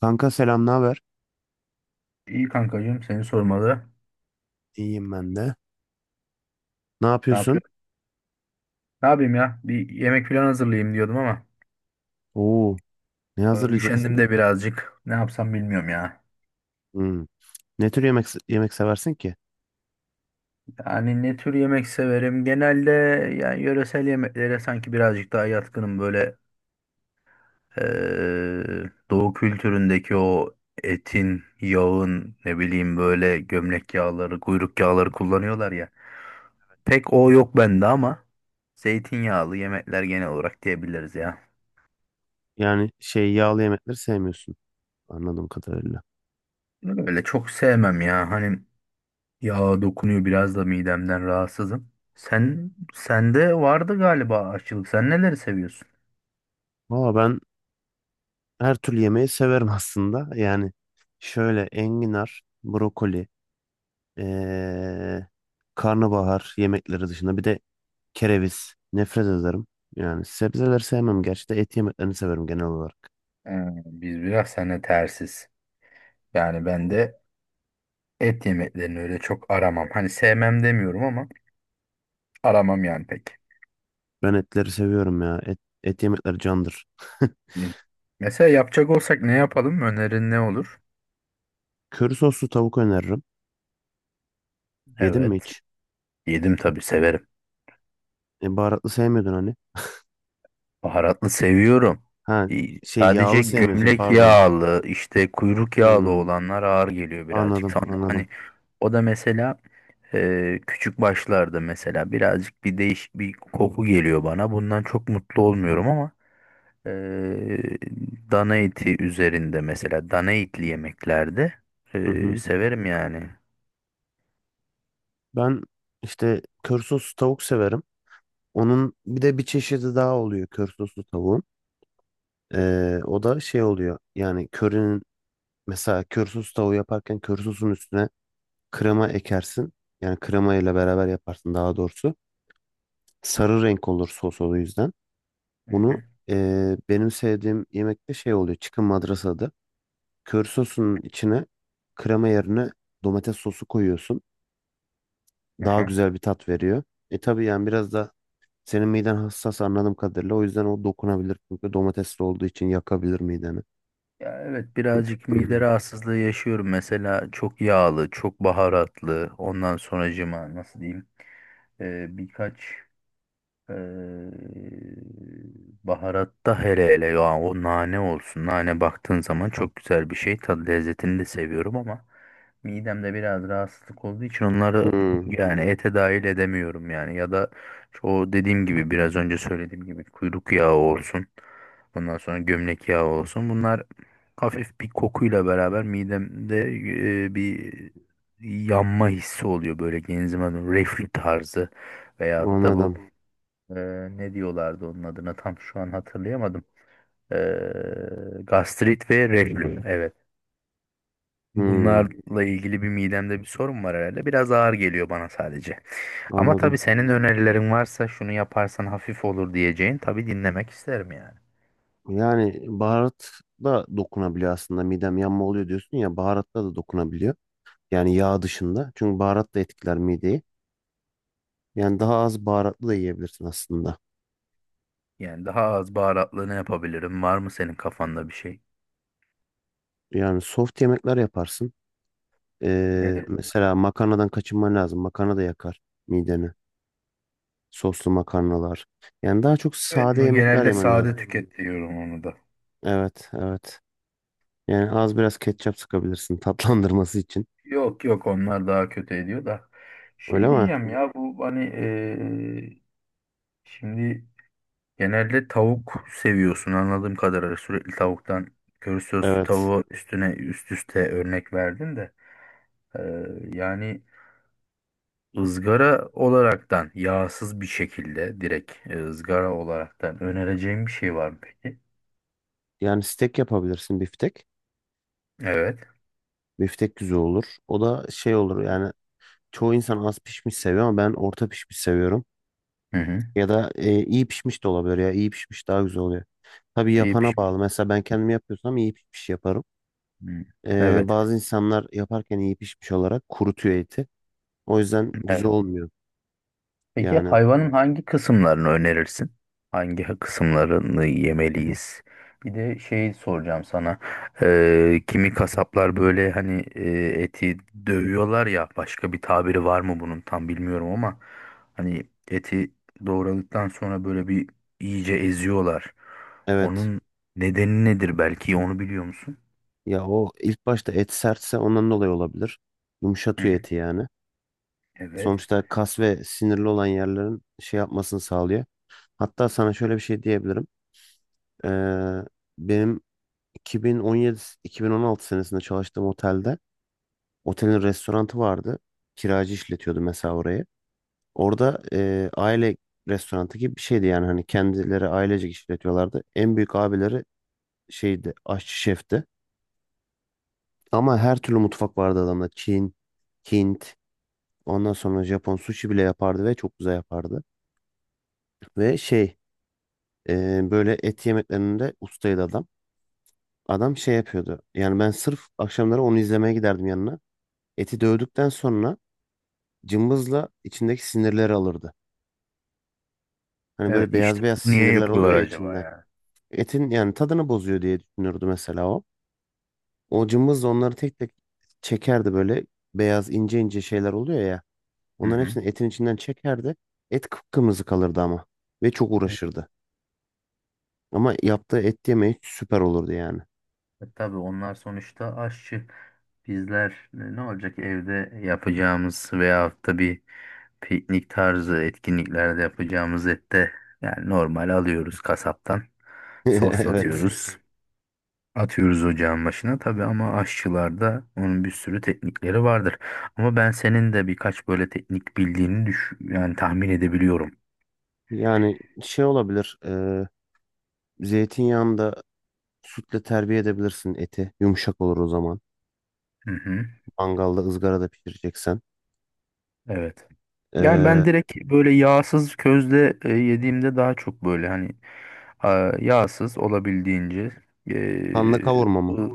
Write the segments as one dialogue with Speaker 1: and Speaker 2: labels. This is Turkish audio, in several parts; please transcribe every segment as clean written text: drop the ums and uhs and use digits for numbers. Speaker 1: Kanka selam, ne haber?
Speaker 2: İyi kankacığım seni sormalı.
Speaker 1: İyiyim ben de. Ne
Speaker 2: Ne
Speaker 1: yapıyorsun?
Speaker 2: yapıyorsun? Ne yapayım ya? Bir yemek falan hazırlayayım diyordum ama
Speaker 1: Oo, ne hazırlayacaksın?
Speaker 2: üşendim de birazcık. Ne yapsam bilmiyorum ya.
Speaker 1: Hmm. Ne tür yemek yemek seversin ki?
Speaker 2: Yani ne tür yemek severim? Genelde yani yöresel yemeklere sanki birazcık daha yatkınım. Böyle e, doğu kültüründeki o etin, yağın ne bileyim böyle gömlek yağları, kuyruk yağları kullanıyorlar ya. Pek o yok bende ama zeytinyağlı yemekler genel olarak diyebiliriz ya.
Speaker 1: Yani yağlı yemekleri sevmiyorsun anladığım kadarıyla.
Speaker 2: Öyle çok sevmem ya. Hani ya dokunuyor biraz da midemden rahatsızım. Sen sende vardı galiba aşçılık. Sen neleri seviyorsun?
Speaker 1: Valla ben her türlü yemeği severim aslında. Yani şöyle enginar, brokoli, ee, karnabahar yemekleri dışında bir de kereviz nefret ederim. Yani sebzeleri sevmem gerçi de et yemeklerini severim genel olarak.
Speaker 2: Ee, Biz biraz seninle tersiz. Yani ben de et yemeklerini öyle çok aramam. Hani sevmem demiyorum ama aramam yani pek.
Speaker 1: Ben etleri seviyorum ya. Et yemekleri candır.
Speaker 2: Hı. Mesela yapacak olsak ne yapalım? Önerin ne olur?
Speaker 1: Köri soslu tavuk öneririm. Yedin mi
Speaker 2: Evet.
Speaker 1: hiç?
Speaker 2: Yedim tabii severim.
Speaker 1: E, baharatlı sevmiyordun hani.
Speaker 2: Baharatlı seviyorum.
Speaker 1: Ha
Speaker 2: İyi. Sadece
Speaker 1: yağlı sevmiyorsun
Speaker 2: gömlek
Speaker 1: pardon.
Speaker 2: yağlı, işte kuyruk yağlı
Speaker 1: Hmm,
Speaker 2: olanlar ağır geliyor birazcık.
Speaker 1: anladım
Speaker 2: Sonra
Speaker 1: anladım.
Speaker 2: hani o da mesela küçük başlarda mesela birazcık bir değiş bir koku geliyor bana. Bundan çok mutlu olmuyorum ama ee, dana eti üzerinde mesela dana etli yemeklerde
Speaker 1: Hı hı.
Speaker 2: severim yani.
Speaker 1: Ben işte köri soslu tavuk severim. Onun bir de bir çeşidi daha oluyor köri soslu tavuğun. O da oluyor yani körinin mesela köri soslu tavuğu yaparken köri sosun üstüne krema ekersin. Yani krema ile beraber yaparsın daha doğrusu. Sarı renk olur sos o yüzden.
Speaker 2: Hı
Speaker 1: Bunu
Speaker 2: hı.
Speaker 1: benim sevdiğim yemekte oluyor. Chicken madrasa adı. Kör sosunun içine krema yerine domates sosu koyuyorsun.
Speaker 2: Hı
Speaker 1: Daha
Speaker 2: hı.
Speaker 1: güzel bir tat veriyor. E tabii yani biraz da senin miden hassas anladığım kadarıyla. O yüzden o dokunabilir. Çünkü domatesli olduğu için yakabilir mideni.
Speaker 2: Ya evet birazcık mide rahatsızlığı yaşıyorum. Mesela çok yağlı, çok baharatlı. Ondan sonracıma nasıl diyeyim? Birkaç Ee, Baharatta hele hele ya o nane olsun. Nane baktığın zaman çok güzel bir şey. Tadı lezzetini de seviyorum ama midemde biraz rahatsızlık olduğu için onları
Speaker 1: Hmm,
Speaker 2: yani ete dahil edemiyorum yani. Ya da o dediğim gibi biraz önce söylediğim gibi kuyruk yağı olsun. Ondan sonra gömlek yağı olsun. Bunlar hafif bir kokuyla beraber midemde bir yanma hissi oluyor böyle genzime doğru. Reflü tarzı veyahut da bu
Speaker 1: anladım.
Speaker 2: ne diyorlardı onun adına tam şu an hatırlayamadım. Ee, Gastrit ve reflü. Evet.
Speaker 1: Hmm,
Speaker 2: Bunlarla ilgili bir midemde bir sorun var herhalde. Biraz ağır geliyor bana sadece. Ama tabii
Speaker 1: anladım.
Speaker 2: senin önerilerin varsa şunu yaparsan hafif olur diyeceğin tabii dinlemek isterim yani.
Speaker 1: Yani baharat da dokunabiliyor aslında. Midem yanma oluyor diyorsun ya baharatta da dokunabiliyor. Yani yağ dışında. Çünkü baharat da etkiler mideyi. Yani daha az baharatlı da yiyebilirsin aslında.
Speaker 2: Yani daha az baharatlı ne yapabilirim? Var mı senin kafanda bir şey?
Speaker 1: Yani soft yemekler yaparsın.
Speaker 2: Nedir?
Speaker 1: Mesela makarnadan kaçınman lazım. Makarna da yakar mideni. Soslu makarnalar. Yani daha çok
Speaker 2: Evet,
Speaker 1: sade
Speaker 2: no,
Speaker 1: yemekler
Speaker 2: genelde
Speaker 1: yemen lazım.
Speaker 2: sade tüket diyorum onu da.
Speaker 1: Evet, evet. Yani az biraz ketçap sıkabilirsin tatlandırması için.
Speaker 2: Yok yok onlar daha kötü ediyor da.
Speaker 1: Öyle
Speaker 2: Şey
Speaker 1: mi?
Speaker 2: diyeceğim ya bu hani şimdi genelde tavuk seviyorsun anladığım kadarıyla sürekli tavuktan köri soslu
Speaker 1: Evet.
Speaker 2: tavuğu üstüne üst üste örnek verdin de. Ee, Yani ızgara olaraktan yağsız bir şekilde direkt ızgara olaraktan önereceğim bir şey var mı peki?
Speaker 1: Yani steak yapabilirsin biftek.
Speaker 2: Evet.
Speaker 1: Biftek güzel olur. O da olur yani çoğu insan az pişmiş seviyor ama ben orta pişmiş seviyorum.
Speaker 2: Hı hı.
Speaker 1: Ya da iyi pişmiş de olabilir ya. İyi pişmiş daha güzel oluyor. Tabii
Speaker 2: İyi
Speaker 1: yapana
Speaker 2: pişmiş.
Speaker 1: bağlı. Mesela ben kendim yapıyorsam iyi pişmiş yaparım.
Speaker 2: Hı. Evet.
Speaker 1: Bazı insanlar yaparken iyi pişmiş olarak kurutuyor eti. O yüzden güzel
Speaker 2: Evet.
Speaker 1: olmuyor.
Speaker 2: Peki
Speaker 1: Yani
Speaker 2: hayvanın hangi kısımlarını önerirsin? Hangi kısımlarını yemeliyiz? Bir de şey soracağım sana. Kimi kasaplar böyle hani eti dövüyorlar ya başka bir tabiri var mı bunun tam bilmiyorum ama hani eti doğradıktan sonra böyle bir iyice eziyorlar.
Speaker 1: evet,
Speaker 2: Onun nedeni nedir belki onu biliyor musun?
Speaker 1: ya o ilk başta et sertse ondan dolayı olabilir.
Speaker 2: Hı
Speaker 1: Yumuşatıyor
Speaker 2: hı.
Speaker 1: eti yani.
Speaker 2: Evet.
Speaker 1: Sonuçta kas ve sinirli olan yerlerin yapmasını sağlıyor. Hatta sana şöyle bir şey diyebilirim. Ee, Benim 2017-2016 senesinde çalıştığım otelde otelin restoranı vardı. Kiracı işletiyordu mesela orayı. Orada aile restoranı gibi bir şeydi yani hani kendileri ailecek işletiyorlardı. En büyük abileri aşçı şefti. Ama her türlü mutfak vardı adamda. Çin, Hint, ondan sonra Japon sushi bile yapardı ve çok güzel yapardı. Ve böyle et yemeklerinde ustaydı adam. Adam yapıyordu. Yani ben sırf akşamları onu izlemeye giderdim yanına. Eti dövdükten sonra cımbızla içindeki sinirleri alırdı. Hani
Speaker 2: Evet
Speaker 1: böyle
Speaker 2: işte
Speaker 1: beyaz beyaz
Speaker 2: niye
Speaker 1: sinirler oluyor
Speaker 2: yapıyorlar
Speaker 1: ya
Speaker 2: acaba
Speaker 1: içinde.
Speaker 2: ya?
Speaker 1: Etin yani tadını bozuyor diye düşünürdü mesela o. O cımbızla onları tek tek çekerdi böyle beyaz ince ince şeyler oluyor ya.
Speaker 2: Hı
Speaker 1: Onların
Speaker 2: hı.
Speaker 1: hepsini etin içinden çekerdi. Et kıpkırmızı kalırdı ama ve çok uğraşırdı. Ama yaptığı et yemeği süper olurdu yani.
Speaker 2: E, tabii onlar sonuçta aşçı. Bizler ne olacak evde yapacağımız veyahut da bir piknik tarzı etkinliklerde yapacağımız ette yani normal alıyoruz kasaptan.
Speaker 1: Evet.
Speaker 2: Soslatıyoruz. Atıyoruz ocağın başına tabii ama aşçılarda onun bir sürü teknikleri vardır. Ama ben senin de birkaç böyle teknik bildiğini yani tahmin edebiliyorum.
Speaker 1: Yani olabilir. Zeytinyağında sütle terbiye edebilirsin eti. Yumuşak olur o zaman.
Speaker 2: Hı hı.
Speaker 1: Mangalda ızgarada pişireceksen.
Speaker 2: Evet. Yani
Speaker 1: E,
Speaker 2: ben direkt böyle yağsız közde yediğimde daha çok böyle hani a, yağsız olabildiğince
Speaker 1: Kanla
Speaker 2: e,
Speaker 1: kavurma mı?
Speaker 2: ı-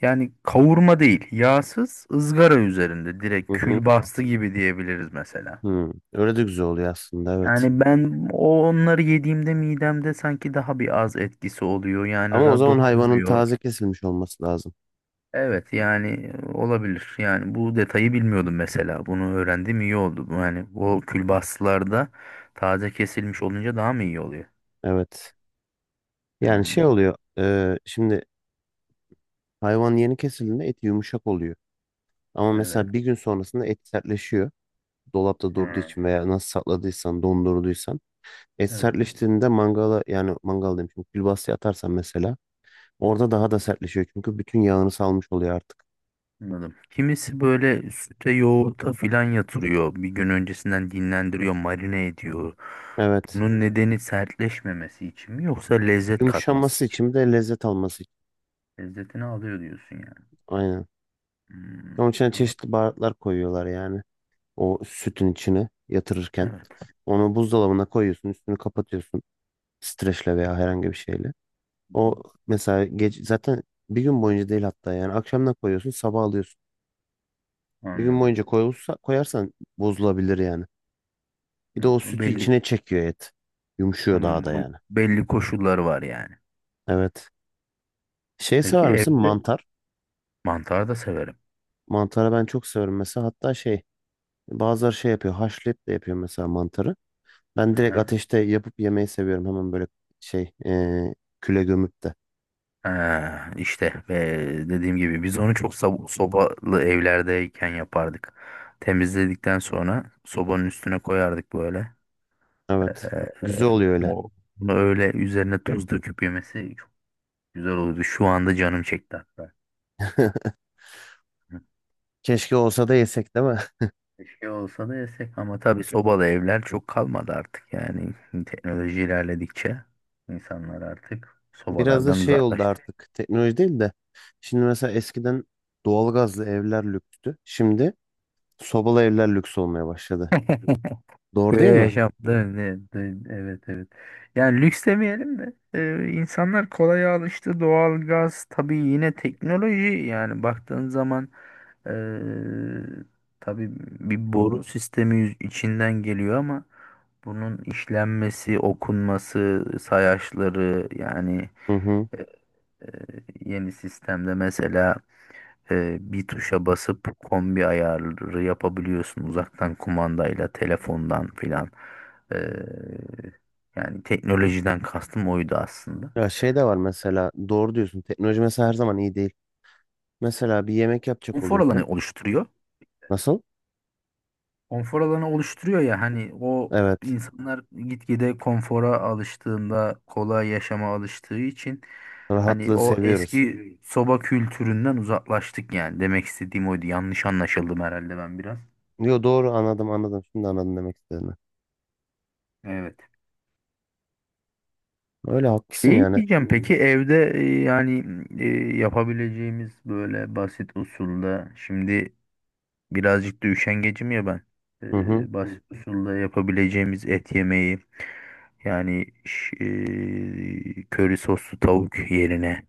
Speaker 2: yani kavurma değil yağsız ızgara üzerinde direkt
Speaker 1: Hı hı.
Speaker 2: külbastı gibi diyebiliriz mesela.
Speaker 1: Hı. Öyle de güzel oluyor aslında, evet.
Speaker 2: Yani ben o onları yediğimde midemde sanki daha bir az etkisi oluyor yani
Speaker 1: Ama o
Speaker 2: ra
Speaker 1: zaman hayvanın
Speaker 2: dokunmuyor.
Speaker 1: taze kesilmiş olması lazım.
Speaker 2: Evet yani olabilir. Yani bu detayı bilmiyordum mesela. Bunu öğrendim iyi oldu. Bu yani o külbastılarda taze kesilmiş olunca daha mı iyi oluyor?
Speaker 1: Evet. Yani
Speaker 2: Hmm,
Speaker 1: oluyor. Şimdi hayvan yeni kesildiğinde eti yumuşak oluyor. Ama
Speaker 2: evet.
Speaker 1: mesela bir gün sonrasında et sertleşiyor. Dolapta durduğu
Speaker 2: Hmm,
Speaker 1: için veya nasıl sakladıysan, dondurduysan. Et
Speaker 2: evet.
Speaker 1: sertleştiğinde mangala yani mangal demişim. Külbastaya atarsan mesela orada daha da sertleşiyor. Çünkü bütün yağını salmış oluyor artık.
Speaker 2: Anladım. Kimisi böyle süte yoğurta filan yatırıyor. Bir gün öncesinden dinlendiriyor, marine ediyor.
Speaker 1: Evet.
Speaker 2: Bunun nedeni sertleşmemesi için mi yoksa lezzet katması
Speaker 1: Yumuşaması
Speaker 2: için
Speaker 1: için bir de lezzet alması için.
Speaker 2: mi? Lezzetini alıyor diyorsun yani.
Speaker 1: Aynen. Onun
Speaker 2: Hmm,
Speaker 1: için
Speaker 2: anladım.
Speaker 1: çeşitli baharatlar koyuyorlar yani. O sütün içine yatırırken.
Speaker 2: Evet.
Speaker 1: Onu buzdolabına koyuyorsun, üstünü kapatıyorsun. Streçle veya herhangi bir şeyle.
Speaker 2: Hı hı.
Speaker 1: O mesela gece, zaten bir gün boyunca değil hatta yani akşamdan koyuyorsun, sabah alıyorsun. Bir gün
Speaker 2: Anladım.
Speaker 1: boyunca koyulsa, koyarsan bozulabilir yani. Bir de
Speaker 2: Hı,
Speaker 1: o
Speaker 2: bu
Speaker 1: sütü
Speaker 2: belli
Speaker 1: içine çekiyor et. Yumuşuyor daha
Speaker 2: bunun,
Speaker 1: da
Speaker 2: bunun
Speaker 1: yani.
Speaker 2: belli koşulları var yani.
Speaker 1: Evet.
Speaker 2: Peki
Speaker 1: Sever misin?
Speaker 2: evde
Speaker 1: Mantar.
Speaker 2: mantar da severim.
Speaker 1: Mantarı ben çok severim mesela. Hatta bazıları yapıyor. Haşlayıp de yapıyor mesela mantarı. Ben direkt
Speaker 2: Aha.
Speaker 1: ateşte yapıp yemeyi seviyorum. Hemen böyle şey eee, küle gömüp de.
Speaker 2: Ha, işte ve dediğim gibi biz onu çok sobalı evlerdeyken yapardık. Temizledikten sonra sobanın üstüne koyardık böyle.
Speaker 1: Evet.
Speaker 2: Ee,
Speaker 1: Güzel oluyor öyle.
Speaker 2: o, Bunu öyle üzerine tuz döküp yemesi çok güzel olurdu. Şu anda canım çekti hatta.
Speaker 1: Keşke olsa da yesek değil mi?
Speaker 2: Bir şey olsa da yesek ama tabii sobalı evler çok kalmadı artık yani teknoloji ilerledikçe insanlar artık
Speaker 1: Biraz da
Speaker 2: sobalardan
Speaker 1: oldu
Speaker 2: uzaklaştı.
Speaker 1: artık. Teknoloji değil de. Şimdi mesela eskiden doğalgazlı evler lükstü. Şimdi sobalı evler lüks olmaya başladı. Doğru
Speaker 2: Köye
Speaker 1: değil mi?
Speaker 2: yaşamda evet evet. Yani lüks demeyelim de insanlar kolay alıştı doğal gaz tabii yine teknoloji yani baktığın zaman e, tabii bir boru sistemi içinden geliyor ama bunun işlenmesi, okunması, sayaçları yani.
Speaker 1: Hı hı.
Speaker 2: E, e, Yeni sistemde mesela bir tuşa basıp kombi ayarı yapabiliyorsun uzaktan kumandayla, telefondan filan. E, Yani teknolojiden kastım oydu aslında.
Speaker 1: Ya de var mesela doğru diyorsun. Teknoloji mesela her zaman iyi değil. Mesela bir yemek yapacak
Speaker 2: Konfor alanı
Speaker 1: oluyorsun.
Speaker 2: oluşturuyor.
Speaker 1: Nasıl?
Speaker 2: Konfor alanı oluşturuyor ya hani o
Speaker 1: Evet.
Speaker 2: insanlar gitgide konfora alıştığında, kolay yaşama alıştığı için hani
Speaker 1: Rahatlığı
Speaker 2: o
Speaker 1: seviyoruz.
Speaker 2: eski soba kültüründen uzaklaştık yani. Demek istediğim oydu. Yanlış anlaşıldım herhalde ben biraz.
Speaker 1: Yo doğru, anladım. Şimdi anladım demek istediğini.
Speaker 2: Evet.
Speaker 1: Öyle haklısın
Speaker 2: Şey
Speaker 1: yani.
Speaker 2: diyeceğim peki evde yani e, yapabileceğimiz böyle basit usulda şimdi birazcık da üşengecim ya ben. E,
Speaker 1: Hı
Speaker 2: Hı
Speaker 1: hı.
Speaker 2: basit hı. Usulda yapabileceğimiz et yemeği yani köri soslu tavuk yerine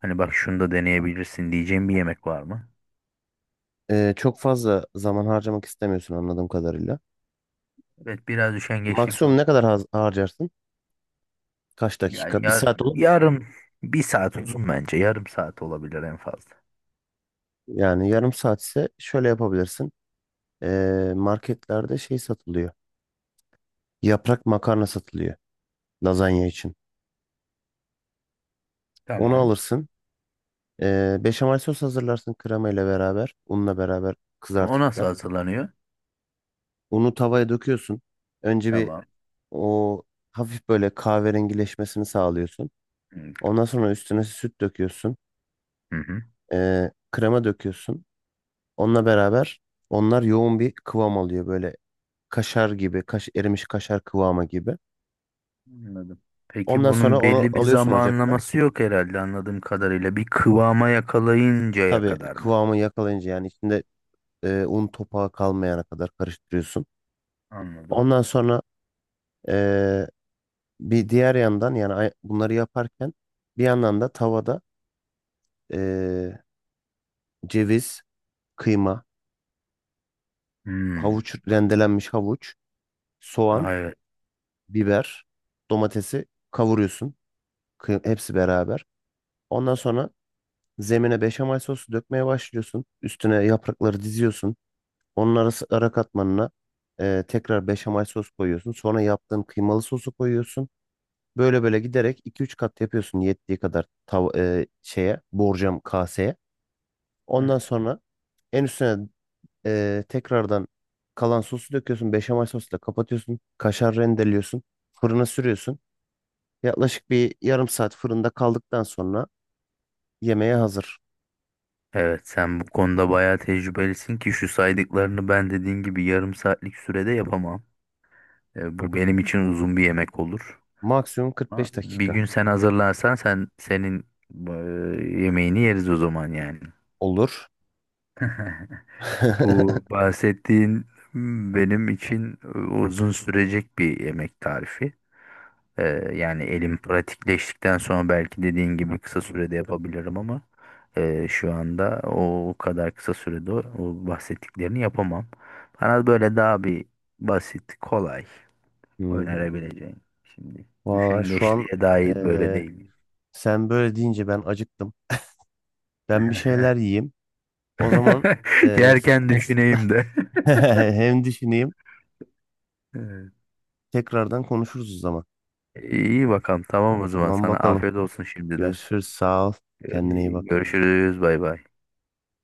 Speaker 2: hani bak şunu da deneyebilirsin diyeceğim bir yemek var mı?
Speaker 1: Çok fazla zaman harcamak istemiyorsun anladığım kadarıyla.
Speaker 2: Evet biraz üşengeçlik
Speaker 1: Maksimum
Speaker 2: var.
Speaker 1: ne kadar harcarsın? Kaç
Speaker 2: Yani
Speaker 1: dakika? Bir
Speaker 2: yar,
Speaker 1: saat olur mu?
Speaker 2: yarım bir saat uzun bence yarım saat olabilir en fazla.
Speaker 1: Yani yarım saat ise şöyle yapabilirsin. Marketlerde satılıyor. Yaprak makarna satılıyor lazanya için. Onu
Speaker 2: Tamam.
Speaker 1: alırsın. Beşamel sos hazırlarsın krema ile beraber, unla beraber
Speaker 2: O
Speaker 1: kızartıp
Speaker 2: nasıl
Speaker 1: da.
Speaker 2: hazırlanıyor?
Speaker 1: Unu tavaya döküyorsun. Önce bir
Speaker 2: Tamam.
Speaker 1: o hafif böyle kahverengileşmesini sağlıyorsun.
Speaker 2: Hı
Speaker 1: Ondan sonra üstüne süt döküyorsun.
Speaker 2: hı.
Speaker 1: Krema döküyorsun. Onunla beraber onlar yoğun bir kıvam alıyor böyle kaşar gibi, erimiş kaşar kıvamı gibi.
Speaker 2: Anladım. Peki
Speaker 1: Ondan
Speaker 2: bunun
Speaker 1: sonra onu
Speaker 2: belli bir
Speaker 1: alıyorsun ocaktan.
Speaker 2: zamanlaması yok herhalde anladığım kadarıyla. Bir kıvama yakalayıncaya
Speaker 1: Tabii
Speaker 2: kadar mı?
Speaker 1: kıvamı yakalayınca yani içinde un topağı kalmayana kadar karıştırıyorsun.
Speaker 2: Anladım.
Speaker 1: Ondan sonra ee, bir diğer yandan yani bunları yaparken bir yandan da tavada eee, ceviz, kıyma,
Speaker 2: Hmm.
Speaker 1: rendelenmiş havuç, soğan,
Speaker 2: Aa, evet.
Speaker 1: biber, domatesi kavuruyorsun. Hepsi beraber. Ondan sonra zemine beşamel sosu dökmeye başlıyorsun. Üstüne yaprakları diziyorsun. Onun arası ara katmanına tekrar beşamel sos koyuyorsun. Sonra yaptığın kıymalı sosu koyuyorsun. Böyle böyle giderek iki üç kat yapıyorsun yettiği kadar tav şeye borcam kaseye. Ondan
Speaker 2: Heh.
Speaker 1: sonra en üstüne tekrardan kalan sosu döküyorsun. Beşamel sosla kapatıyorsun. Kaşar rendeliyorsun. Fırına sürüyorsun. Yaklaşık bir yarım saat fırında kaldıktan sonra yemeğe hazır.
Speaker 2: Evet sen bu konuda bayağı tecrübelisin ki şu saydıklarını ben dediğin gibi yarım saatlik sürede yapamam. E, bu benim için uzun bir yemek olur.
Speaker 1: Maksimum
Speaker 2: Ama
Speaker 1: 45
Speaker 2: bir
Speaker 1: dakika
Speaker 2: gün sen hazırlarsan sen senin e, yemeğini yeriz o zaman yani.
Speaker 1: olur.
Speaker 2: Bu bahsettiğin hmm, benim için uzun sürecek bir yemek tarifi. Ee, Yani elim pratikleştikten sonra belki dediğin gibi kısa sürede yapabilirim ama şu anda o kadar kısa sürede o bahsettiklerini yapamam. Bana böyle daha bir basit, kolay
Speaker 1: Hmm.
Speaker 2: önerebileceğin. Şimdi
Speaker 1: Valla şu an
Speaker 2: üşengeçliğe dair böyle
Speaker 1: eee,
Speaker 2: değil.
Speaker 1: sen böyle deyince ben acıktım. Ben bir şeyler yiyeyim. O zaman eee,
Speaker 2: Yerken düşüneyim de.
Speaker 1: hem düşüneyim.
Speaker 2: Evet.
Speaker 1: Tekrardan konuşuruz o zaman.
Speaker 2: İyi bakalım. Tamam o zaman.
Speaker 1: Tamam
Speaker 2: Sana
Speaker 1: bakalım.
Speaker 2: afiyet olsun şimdiden.
Speaker 1: Görüşürüz. Sağ ol. Kendine iyi
Speaker 2: Ee,
Speaker 1: bak.
Speaker 2: Görüşürüz. Bay bay.